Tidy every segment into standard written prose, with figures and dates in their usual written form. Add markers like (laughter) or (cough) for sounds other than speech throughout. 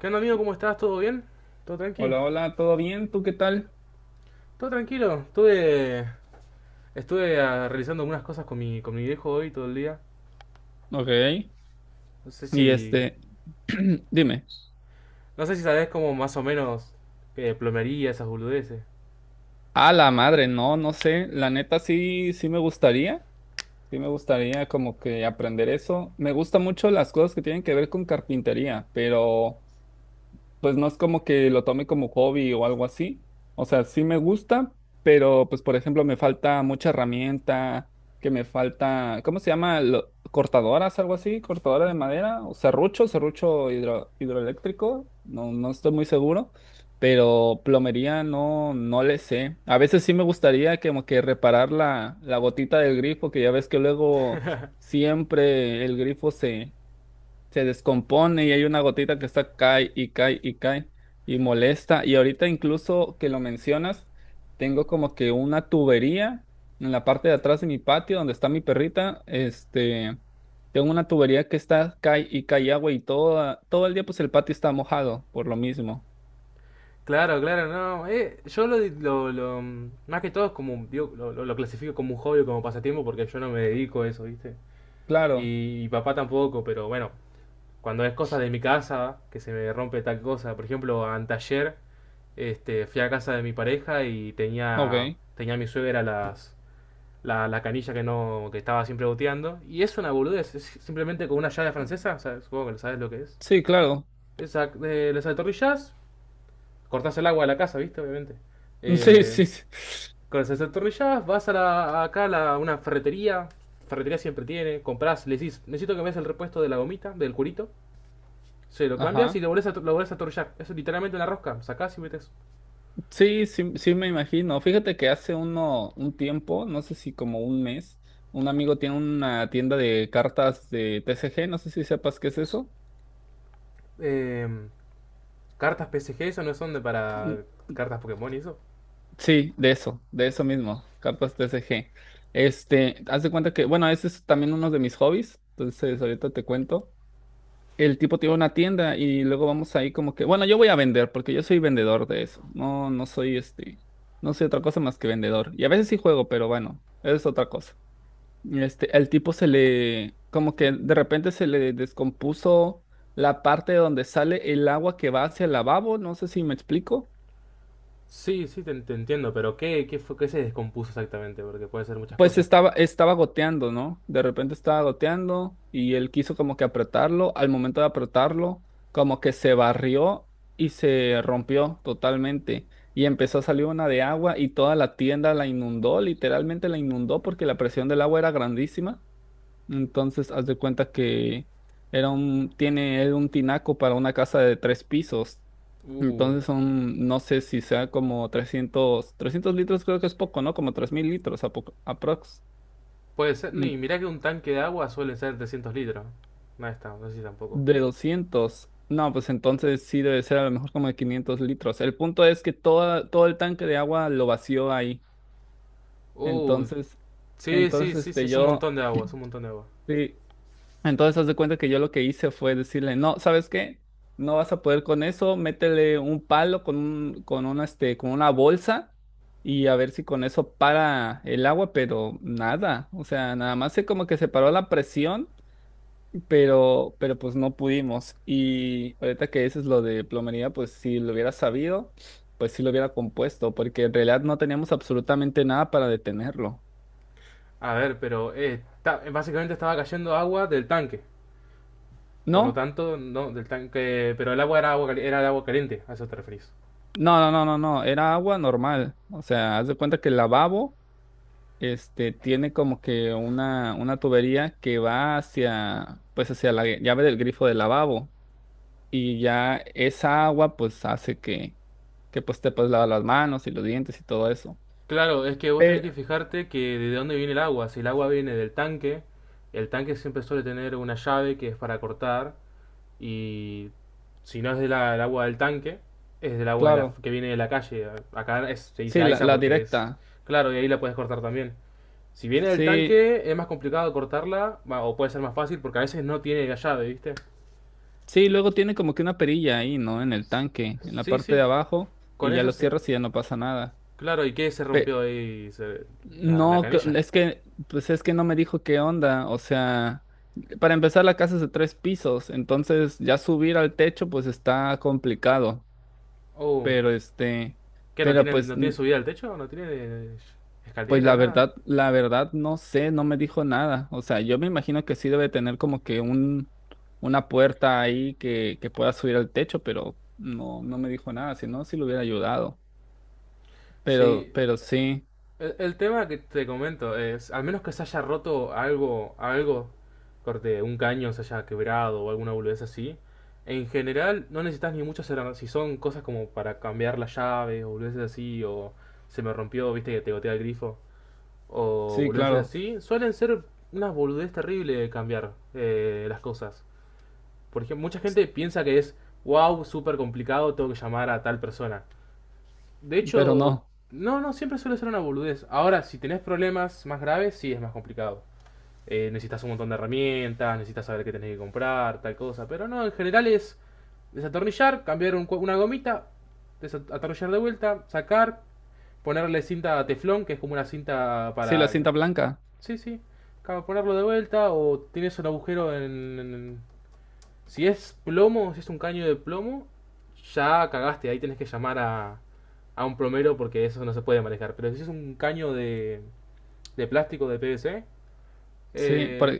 ¿Qué onda, amigo? ¿Cómo estás? ¿Todo bien? ¿Todo tranquilo? Hola, hola, ¿todo bien? ¿Tú qué tal? ¿Todo tranquilo? Estuve realizando algunas cosas con con mi viejo hoy todo el día. Ok. No sé si, Y este, (clears throat) dime. no sé si sabés como más o menos plomería, esas boludeces. A la madre, no, no sé. La neta sí, sí me gustaría. Sí me gustaría como que aprender eso. Me gusta mucho las cosas que tienen que ver con carpintería, pero pues no es como que lo tome como hobby o algo así. O sea, sí me gusta, pero pues por ejemplo me falta mucha herramienta, que me falta, ¿cómo se llama? Cortadoras, algo así, cortadora de madera, o serrucho, hidroeléctrico, no, no estoy muy seguro, pero plomería no, no le sé. A veces sí me gustaría como que reparar la, la gotita del grifo, que ya ves que luego siempre el grifo se descompone y hay una gotita que está cae y cae y cae y molesta. Y ahorita incluso que lo mencionas, tengo como que una tubería en la parte de atrás de mi patio donde está mi perrita, este, tengo una tubería que está cae y cae agua y toda, todo el día pues el patio está mojado por lo mismo. Claro, claro, no. Yo más que todo es como, digo, lo clasifico como un hobby o como pasatiempo, porque yo no me dedico a eso, ¿viste? Claro, Y papá tampoco, pero bueno, cuando es cosa de mi casa, que se me rompe tal cosa. Por ejemplo, antayer fui a casa de mi pareja y tenía, ok. tenía mi suegra la canilla que no, que estaba siempre goteando. Y es una boludez, es simplemente con una llave francesa, o sea, supongo que sabes lo que es. Sí, claro. Esa, les atornillás, cortás el agua de la casa, ¿viste? Obviamente. (laughs) Sí, Eh, sí, sí. con las atornillás, vas a acá a una ferretería, ferretería siempre tiene, comprás, le decís: necesito que me des el repuesto de la gomita, del curito. Sí, lo cambias y Ajá. lo lo volvés a torullar. Es literalmente una rosca. Sacás y metes. Sí, sí, sí me imagino. Fíjate que hace un tiempo, no sé si como un mes, un amigo tiene una tienda de cartas de TCG, no sé si sepas qué es eso. Eh, cartas P C G, eso no son de Mm, para mm, cartas Pokémon y eso. sí, de eso mismo, cartas TCG. Este, haz de cuenta que, bueno, ese es también uno de mis hobbies, entonces ahorita te cuento. El tipo tiene una tienda y luego vamos ahí como que, bueno, yo voy a vender porque yo soy vendedor de eso. No, no soy este, no soy otra cosa más que vendedor. Y a veces sí juego, pero bueno, es otra cosa. Este, el tipo se le, como que de repente se le descompuso la parte donde sale el agua que va hacia el lavabo, no sé si me explico. Sí, sí, te entiendo, pero ¿qué se descompuso exactamente? Porque puede ser muchas Pues cosas. estaba, estaba goteando, ¿no? De repente estaba goteando y él quiso como que apretarlo. Al momento de apretarlo, como que se barrió y se rompió totalmente. Y empezó a salir una de agua y toda la tienda la inundó, literalmente la inundó porque la presión del agua era grandísima. Entonces, haz de cuenta que era un, tiene él un tinaco para una casa de tres pisos. Uh, Entonces son, no sé si sea como 300 litros creo que es poco, ¿no? Como 3000 litros a aprox. puede ser. Mm, Ni mirá que un tanque de agua suele ser 300 litros. No está, no sé si tampoco. de 200. No, pues entonces sí debe ser a lo mejor como de 500 litros. El punto es que toda, todo el tanque de agua lo vació ahí. Uh, Entonces, sí, entonces sí, sí, sí, este es un yo... montón de agua, es un montón de agua. sí, entonces, haz de cuenta que yo lo que hice fue decirle, no, ¿sabes qué? No vas a poder con eso, métele un palo con un, con una, este, con una bolsa y a ver si con eso para el agua, pero nada, o sea, nada más se como que se paró la presión, pero pues no pudimos. Y ahorita que dices lo de plomería, pues si lo hubiera sabido, pues sí lo hubiera compuesto, porque en realidad no teníamos absolutamente nada para detenerlo. A ver, pero básicamente estaba cayendo agua del tanque. Por lo No, tanto, no, del tanque. Pero el agua era era el agua caliente, a eso te referís. no, no, no, no, no, era agua normal, o sea, haz de cuenta que el lavabo este, tiene como que una tubería que va hacia, pues hacia la llave del grifo del lavabo y ya esa agua pues hace que pues te puedes lavar las manos y los dientes y todo eso. Claro, es que vos tenés Pero, que fijarte que de dónde viene el agua. Si el agua viene del tanque, el tanque siempre suele tener una llave que es para cortar. Y si no es del el agua del tanque, es del agua de claro, que viene de la calle. Acá es- se dice sí, la, AISA, la porque es. directa, Claro, y ahí la puedes cortar también. Si viene del sí, tanque, es más complicado cortarla, va, o puede ser más fácil porque a veces no tiene la llave, ¿viste? sí, luego tiene como que una perilla ahí, ¿no? En el tanque, en la Sí, parte de sí, abajo y con ya eso lo se- cierras y ya no pasa nada. Claro, ¿y qué se rompió ahí? Se- ¿la No, que- canilla? es que, pues es que no me dijo qué onda. O sea, para empezar, la casa es de tres pisos, entonces ya subir al techo, pues está complicado. Oh, Pero este, ¿qué? Pero pues, ¿no tiene subida al techo? ¿No tiene pues escalera? Nada. La verdad, no sé, no me dijo nada. O sea, yo me imagino que sí debe tener como que un, una puerta ahí que pueda subir al techo, pero no, no me dijo nada, si no, sí le hubiera ayudado. Sí, Pero sí, el tema que te comento es, al menos que se haya roto algo, corte, un caño se haya quebrado o alguna boludez así, en general no necesitas ni muchas herramientas. Si son cosas como para cambiar las llaves o boludeces así, o se me rompió, viste que te gotea el grifo, o sí, boludeces claro, así, suelen ser unas boludeces terribles de cambiar, las cosas. Por ejemplo, mucha gente piensa que es: wow, súper complicado, tengo que llamar a tal persona. De pero hecho, no. no, no, siempre suele ser una boludez. Ahora, si tenés problemas más graves, sí es más complicado. Necesitas un montón de herramientas, necesitas saber qué tenés que comprar, tal cosa. Pero no, en general es desatornillar, cambiar un una gomita, desatornillar de vuelta, sacar, ponerle cinta teflón, que es como una cinta Sí, la para... cinta blanca. Sí, sí, ca- ponerlo de vuelta, o tienes un agujero en- si es plomo, si es un caño de plomo, ya cagaste, ahí tenés que llamar a un plomero, porque eso no se puede manejar. Pero si es un caño de plástico de PVC, Sí, por, eh,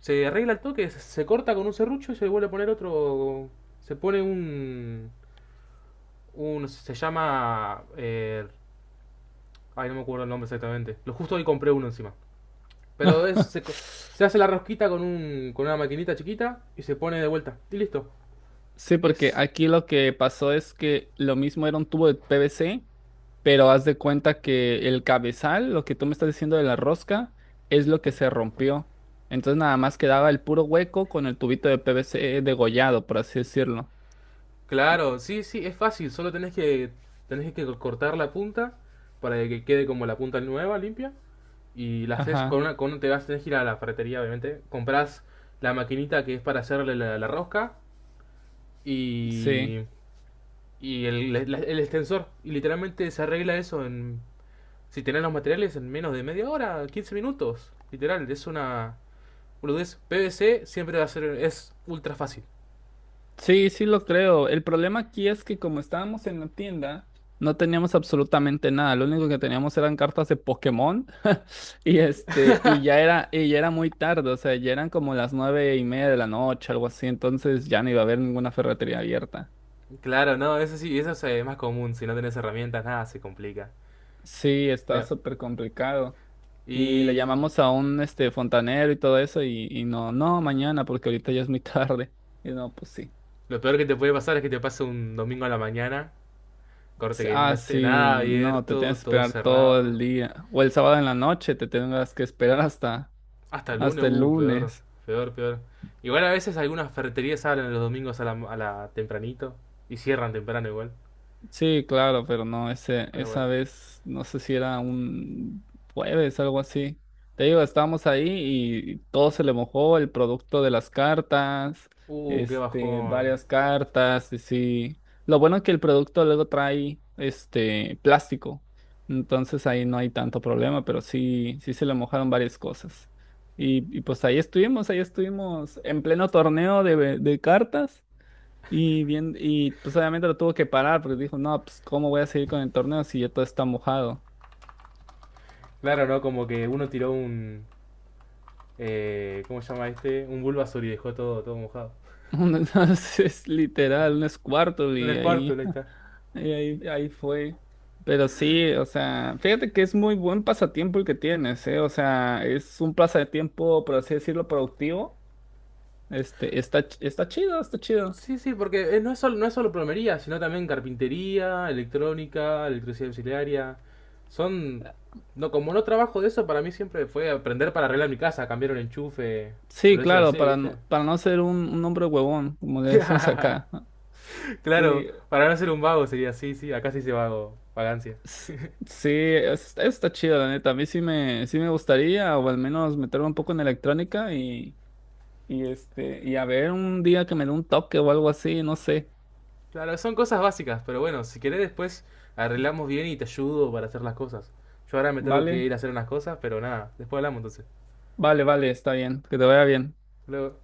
se arregla el toque, se corta con un serrucho y se vuelve a poner otro. Se pone un. Un se llama. Ay, no me acuerdo el nombre exactamente. Lo justo hoy compré uno encima. Pero (laughs) se hace la rosquita con una maquinita chiquita y se pone de vuelta. Y listo. sí, porque Es aquí lo que pasó es que lo mismo era un tubo de PVC, pero haz de cuenta que el cabezal, lo que tú me estás diciendo de la rosca, es lo que se rompió. Entonces nada más quedaba el puro hueco con el tubito de PVC degollado, por así decirlo. Claro, sí, sí, es fácil, solo tenés que cortar la punta para que quede como la punta nueva, limpia, y la haces con Ajá, una con un- te vas tenés que ir a la ferretería, obviamente, comprás la maquinita que es para hacerle la rosca sí. y y el extensor, y literalmente se arregla eso en si tenés los materiales en menos de media hora, 15 minutos, literal, es una boludez. PVC siempre va a ser es ultra fácil. Sí, sí lo creo. El problema aquí es que como estábamos en la tienda, no teníamos absolutamente nada. Lo único que teníamos eran cartas de Pokémon. (laughs) Y este, y ya era muy tarde, o sea, ya eran como las 9:30 de la noche, algo así. Entonces ya no iba a haber ninguna ferretería abierta. Claro, no, eso sí, eso es más común. Si no tenés herramientas, nada se complica. Sí, está No, súper complicado. Y le y llamamos a un este fontanero y todo eso, y no, no, mañana, porque ahorita ya es muy (laughs) tarde. Y no, pues sí. lo peor que te puede pasar es que te pase un domingo a la mañana, corte Sí, que no ah, esté sí, nada no, te tienes abierto, que todo esperar todo el cerrado. día. O el sábado en la noche, te tendrás que esperar hasta, Hasta el lunes, hasta el peor, lunes. peor, peor. Igual a veces algunas ferreterías abren los domingos a a la tempranito y cierran temprano igual. Sí, claro, pero no, ese, Pero bueno, esa vez, no sé si era un jueves, algo así. Te digo, estábamos ahí y todo se le mojó, el producto de las cartas, qué este, bajón. varias cartas, y sí. Lo bueno es que el producto luego trae, este, plástico, entonces ahí no hay tanto problema, pero sí, sí se le mojaron varias cosas. Y pues ahí estuvimos en pleno torneo de cartas. Y bien, y pues obviamente lo tuvo que parar porque dijo, no, pues ¿cómo voy a seguir con el torneo si ya todo está mojado? Claro, ¿no? Como que uno tiró un... ¿cómo se llama este? Un Bulbasaur y dejó todo, todo mojado. (laughs) Entonces, es literal, un Squirtle Un y ahí, Squirtle, ahí está. (laughs) y ahí, ahí fue. Pero sí, o sea, fíjate que es muy buen pasatiempo el que tienes, ¿eh? O sea, es un pasatiempo, por así decirlo, productivo. Este, está chido, está chido. Sí, sí, porque no es solo plomería, sino también carpintería, electrónica, electricidad auxiliaria. Son... No, como no trabajo de eso, para mí siempre fue aprender para arreglar mi casa, cambiar un enchufe, o lo Sí, claro, así, ¿viste? Para no ser un hombre huevón, como le decimos (laughs) acá. (laughs) Sí, Claro, para no ser un vago, sería así, sí, acá sí se dice vago, vagancia. S- sí, está chido, la neta. A mí sí me gustaría, o al menos meterme un poco en electrónica y este, y a ver un día que me dé un toque o algo así, no sé. Claro, son cosas básicas, pero bueno, si querés después arreglamos bien y te ayudo para hacer las cosas. Yo ahora me tengo que Vale, ir a hacer unas cosas, pero nada, después hablamos entonces. vale, vale, está bien, que te vaya bien. Luego.